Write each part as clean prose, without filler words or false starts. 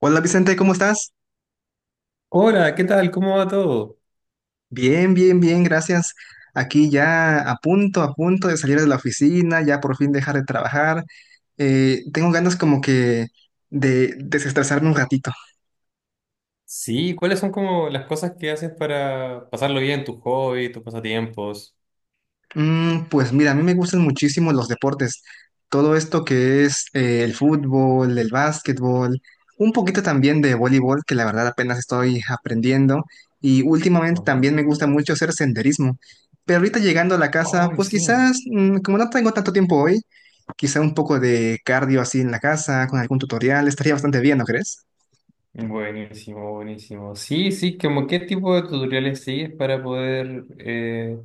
Hola Vicente, ¿cómo estás? Hola, ¿qué tal? ¿Cómo va todo? Bien, bien, bien, gracias. Aquí ya a punto de salir de la oficina, ya por fin dejar de trabajar. Tengo ganas como que de desestresarme un ratito. Sí, ¿cuáles son como las cosas que haces para pasarlo bien, tus hobbies, tus pasatiempos? Pues mira, a mí me gustan muchísimo los deportes. Todo esto que es el fútbol, el básquetbol, un poquito también de voleibol, que la verdad apenas estoy aprendiendo. Y últimamente Ajá. también me gusta mucho hacer senderismo. Pero ahorita llegando a la casa, Ay, pues sí. quizás, como no tengo tanto tiempo hoy, quizá un poco de cardio así en la casa, con algún tutorial, estaría bastante bien, ¿no crees? Buenísimo, buenísimo. Sí, sí, como qué tipo de tutoriales sigues para poder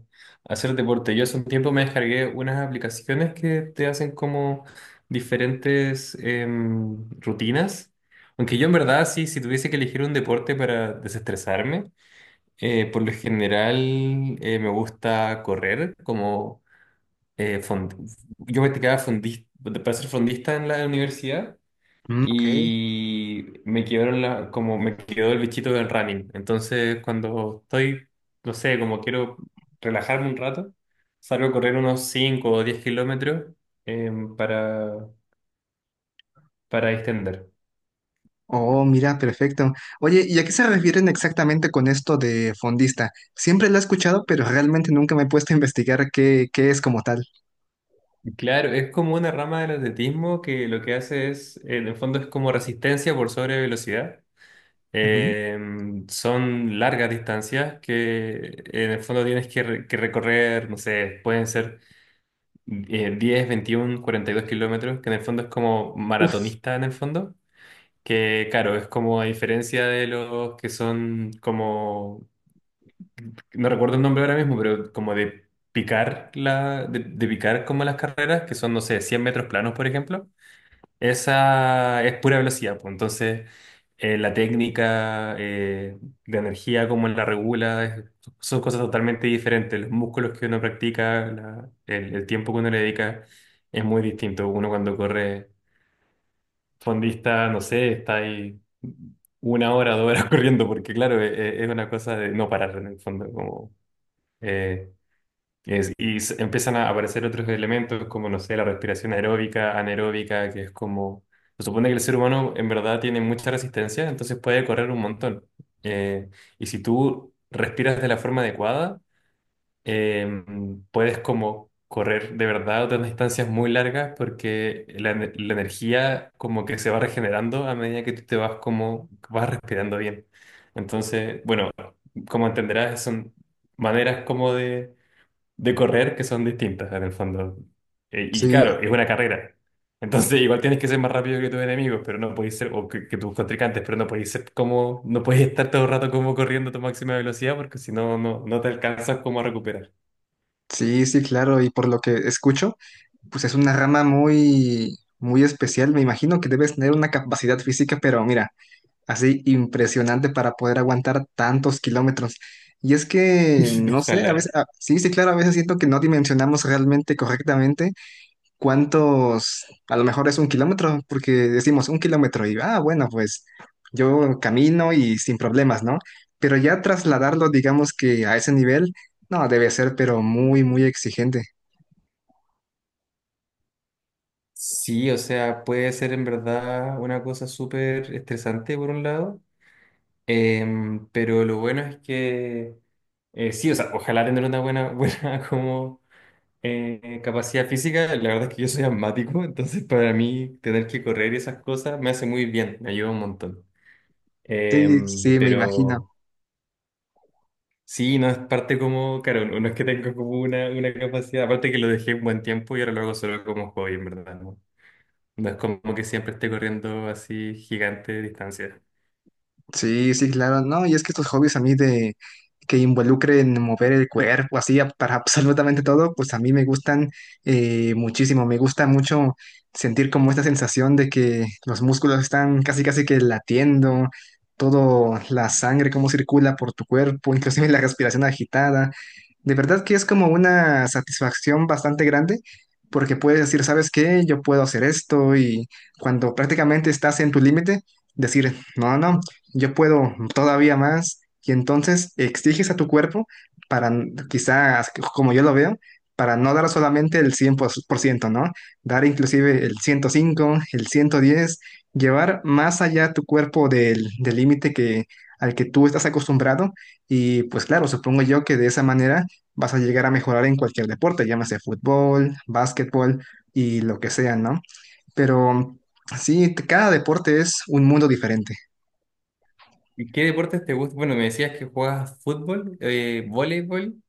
hacer deporte. Yo hace un tiempo me descargué unas aplicaciones que te hacen como diferentes rutinas. Aunque yo en verdad sí, si tuviese que elegir un deporte para desestresarme, por lo general me gusta correr, como eh, fond- yo practicaba fondista, para ser fondista en la universidad Mm, ok. y me quedaron como me quedó el bichito del running. Entonces cuando estoy, no sé, como quiero relajarme un rato, salgo a correr unos 5 o 10 kilómetros eh, para, para distender. Oh, mira, perfecto. Oye, ¿y a qué se refieren exactamente con esto de fondista? Siempre lo he escuchado, pero realmente nunca me he puesto a investigar qué es como tal. Claro, es como una rama del atletismo que lo que hace es, en el fondo es como resistencia por sobre velocidad. Ujú. Son largas distancias que en el fondo que recorrer, no sé, pueden ser 10, 21, 42 kilómetros, que en el fondo es como Uf, maratonista en el fondo, que claro, es como a diferencia de los que son como, no recuerdo el nombre ahora mismo, pero como de de picar como las carreras, que son, no sé, 100 metros planos, por ejemplo. Esa es pura velocidad, pues. Entonces, la técnica de energía, cómo la regula, son cosas totalmente diferentes. Los músculos que uno practica, el tiempo que uno le dedica, es muy distinto. Uno cuando corre fondista, no sé, está ahí 1 hora, 2 horas corriendo, porque claro, es, una cosa de no parar en el fondo, como eh, empiezan a aparecer otros elementos como, no sé, la respiración aeróbica, anaeróbica, que es como... Se supone que el ser humano en verdad tiene mucha resistencia, entonces puede correr un montón. Eh, y si tú respiras de la forma adecuada, eh, puedes como correr de verdad otras distancias muy largas porque la energía como que se va regenerando a medida que tú te vas como vas respirando bien. Entonces, bueno, como entenderás, son maneras como de correr que son distintas en el fondo. Y sí, claro, es una carrera. Entonces igual tienes que ser más rápido que tus enemigos, pero no podéis ser, que tus contrincantes, pero no podéis ser como, no podéis estar todo el rato como corriendo a tu máxima velocidad porque si no, no te alcanzas como a recuperar. sí, sí, claro. Y por lo que escucho, pues es una rama muy, muy especial. Me imagino que debes tener una capacidad física, pero mira, así impresionante para poder aguantar tantos kilómetros. Y es que, no sé, a veces, Ojalá. Sí, sí, claro, a veces siento que no dimensionamos realmente correctamente cuántos, a lo mejor es un kilómetro, porque decimos un kilómetro y, ah, bueno, pues yo camino y sin problemas, ¿no? Pero ya trasladarlo, digamos que a ese nivel, no, debe ser, pero muy, muy exigente. Sí, o sea, puede ser en verdad una cosa súper estresante por un lado, pero lo bueno es que sí, o sea, ojalá tener una buena, buena como. Capacidad física, la verdad es que yo soy asmático, entonces para mí tener que correr y esas cosas me hace muy bien, me ayuda un montón. Eh, Sí, sí, me imagino. pero sí, no es parte como, claro, no es que tenga como una capacidad, aparte que lo dejé un buen tiempo y ahora lo hago solo como hobby, en verdad, ¿no? No es como que siempre esté corriendo así gigante de distancia. Sí, sí, claro, no, y es que estos hobbies a mí de que involucren mover el cuerpo, así para absolutamente todo, pues a mí me gustan muchísimo, me gusta mucho sentir como esta sensación de que los músculos están casi casi que latiendo, todo la sangre cómo circula por tu cuerpo, inclusive la respiración agitada, de verdad que es como una satisfacción bastante grande porque puedes decir, ¿sabes qué? Yo puedo hacer esto y cuando prácticamente estás en tu límite, decir, no, no, yo puedo todavía más y entonces exiges a tu cuerpo para, quizás, como yo lo veo, para no dar solamente el 100%, ¿no? Dar inclusive el 105, el 110, llevar más allá tu cuerpo del límite que al que tú estás acostumbrado. Y pues claro, supongo yo que de esa manera vas a llegar a mejorar en cualquier deporte, llámese fútbol, básquetbol y lo que sea, ¿no? Pero sí, cada deporte es un mundo diferente. ¿Y qué deportes te gustan? Bueno, me decías que juegas fútbol, voleibol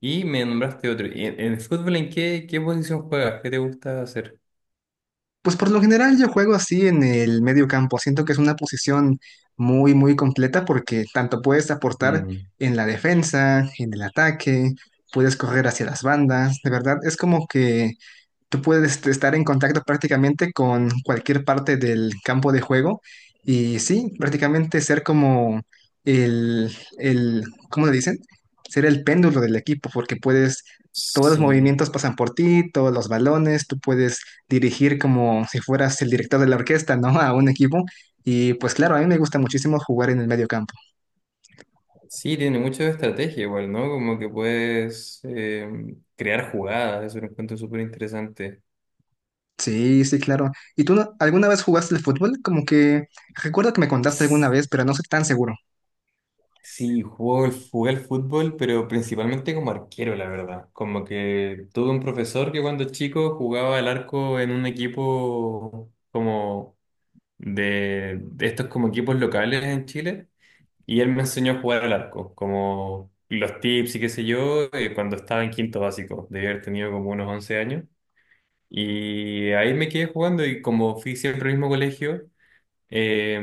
y me nombraste otro. ¿Y en el fútbol en qué, qué posición juegas? ¿Qué te gusta hacer? Pues por lo general yo juego así en el medio campo. Siento que es una posición muy, muy completa porque tanto puedes aportar Mm. en la defensa, en el ataque, puedes correr hacia las bandas. De verdad, es como que tú puedes estar en contacto prácticamente con cualquier parte del campo de juego y sí, prácticamente ser como el, el, ¿cómo le dicen? Ser el péndulo del equipo porque puedes, todos los Sí, movimientos pasan por ti, todos los balones, tú puedes dirigir como si fueras el director de la orquesta, ¿no? A un equipo. Y pues claro, a mí me gusta muchísimo jugar en el medio campo. sí, tiene mucho de estrategia igual, ¿no? Como que puedes crear jugadas, eso lo encuentro súper interesante. Sí, sí, claro. ¿Y tú alguna vez jugaste el fútbol? Como que recuerdo que me contaste alguna S- vez, pero no soy tan seguro. Sí, juego, jugué al fútbol, pero principalmente como arquero, la verdad. Como que tuve un profesor que cuando chico jugaba al arco en un equipo como de estos como equipos locales en Chile, y él me enseñó a jugar al arco, como los tips y qué sé yo, cuando estaba en quinto básico, debía haber tenido como unos 11 años. Y ahí me quedé jugando y como fui siempre al mismo colegio, eh,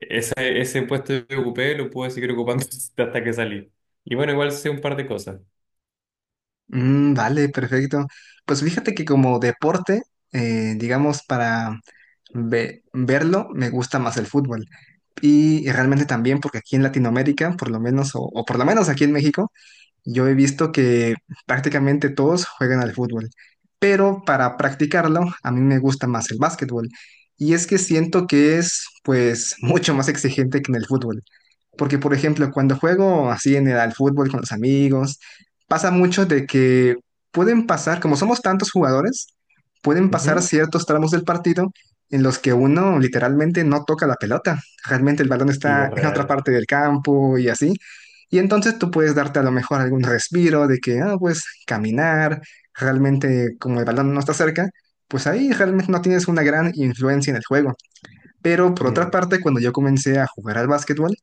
ese, ese puesto que ocupé lo pude seguir ocupando hasta que salí. Y bueno, igual sé un par de cosas. Mm, vale, perfecto. Pues fíjate que como deporte, digamos, para verlo, me gusta más el fútbol. Y realmente también porque aquí en Latinoamérica, por lo menos, o por lo menos aquí en México, yo he visto que prácticamente todos juegan al fútbol, pero para practicarlo a mí me gusta más el básquetbol. Y es que siento que es pues mucho más exigente que en el fútbol. Porque por ejemplo, cuando juego así en el al fútbol con los amigos, pasa mucho de que pueden pasar, como somos tantos jugadores, pueden pasar Ujú. ciertos tramos del partido en los que uno literalmente no toca la pelota. Realmente el balón Sí, está es en otra real. parte del campo y así. Y entonces tú puedes darte a lo mejor algún respiro de que, ah, pues caminar, realmente como el balón no está cerca, pues ahí realmente no tienes una gran influencia en el juego. Pero por otra Mm, parte, cuando yo comencé a jugar al básquetbol,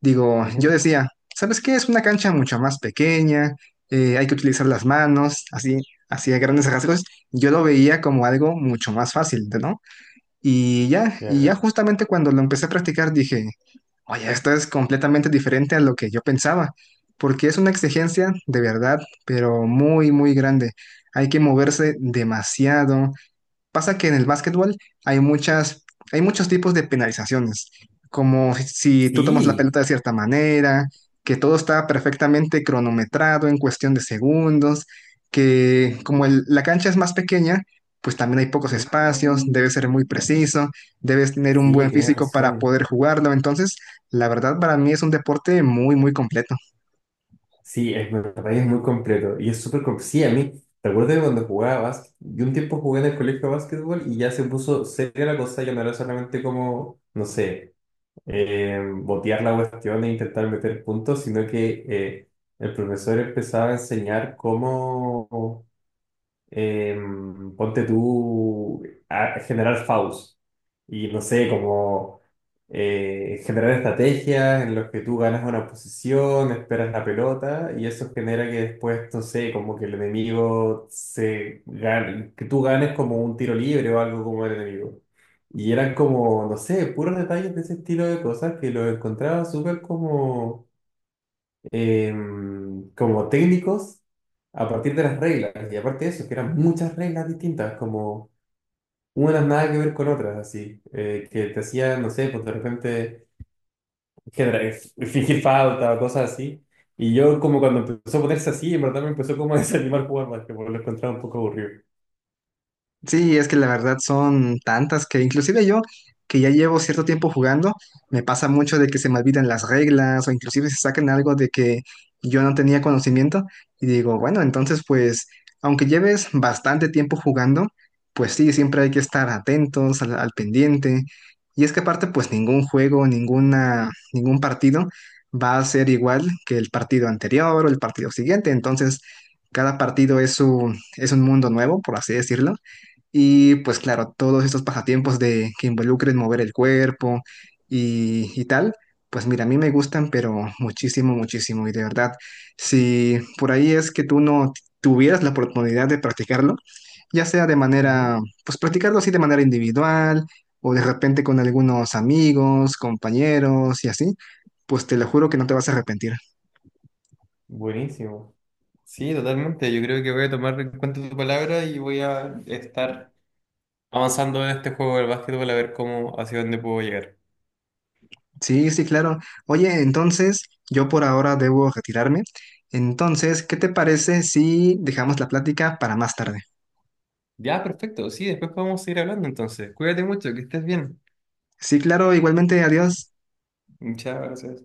digo, yo ujú. decía, ¿sabes qué? Es una cancha mucho más pequeña, hay que utilizar las manos, así, así a grandes rasgos. Yo lo veía como algo mucho más fácil, ¿no? Y ya Claro. justamente cuando lo empecé a practicar dije, oye, esto es completamente diferente a lo que yo pensaba, porque es una exigencia de verdad, pero muy, muy grande. Hay que moverse demasiado. Pasa que en el básquetbol hay muchas, hay muchos tipos de penalizaciones, como si tú tomas la Sí, pelota de cierta manera, que todo está perfectamente cronometrado en cuestión de segundos, que como la cancha es más pequeña, pues también hay pocos mm, espacios, debes ser muy preciso, debes tener un sí, buen tienes físico para razón. poder jugarlo. Entonces, la verdad para mí es un deporte muy, muy completo. Sí, es verdad, es muy completo. Y es súper completo. Sí, a mí, recuerdo que cuando jugaba básquet, yo un tiempo jugué en el colegio de básquetbol y ya se puso seria la cosa, ya no era solamente como, no sé. Botear la cuestión e intentar meter puntos, sino que el profesor empezaba a enseñar cómo eh, ponte tú a generar faus y no sé, como generar estrategias en las que tú ganas una posición, esperas la pelota y eso genera que después, no sé, como que el enemigo se gane, que tú ganes como un tiro libre o algo como el enemigo. Y eran como, no sé, puros detalles de ese estilo de cosas que lo encontraba súper como como técnicos a partir de las reglas. Y aparte de eso, que eran muchas reglas distintas, como unas nada que ver con otras, así, que te hacían, no sé, pues de repente genera- fingir falta o cosas así. Y yo como cuando empezó a ponerse así, en verdad me empezó como a desanimar jugar básquetbol, lo encontraba un poco aburrido. Sí, es que la verdad son tantas que inclusive yo, que ya llevo cierto tiempo jugando, me pasa mucho de que se me olvidan las reglas o inclusive se sacan algo de que yo no tenía conocimiento y digo, bueno, entonces pues, aunque lleves bastante tiempo jugando, pues sí, siempre hay que estar atentos al pendiente. Y es que aparte pues ningún juego, ningún partido va a ser igual que el partido anterior o el partido siguiente, entonces cada partido es un mundo nuevo, por así decirlo. Y pues claro, todos estos pasatiempos de que involucren mover el cuerpo y tal, pues mira, a mí me gustan, pero muchísimo, muchísimo. Y de verdad, si por ahí es que tú no tuvieras la oportunidad de practicarlo, ya sea de Ujú. manera, pues practicarlo así de manera individual o de repente con algunos amigos, compañeros y así, pues te lo juro que no te vas a arrepentir. Buenísimo. Sí, totalmente. Yo creo que voy a tomar en cuenta tu palabra y voy a estar avanzando en este juego del básquetbol a ver cómo, hacia dónde puedo llegar. Sí, sí, claro. Oye, entonces yo por ahora debo retirarme. Entonces, ¿qué te parece si dejamos la plática para más tarde? Ya, perfecto. Sí, después podemos seguir hablando entonces. Cuídate mucho, que estés bien. Sí, claro, igualmente, adiós. Muchas gracias.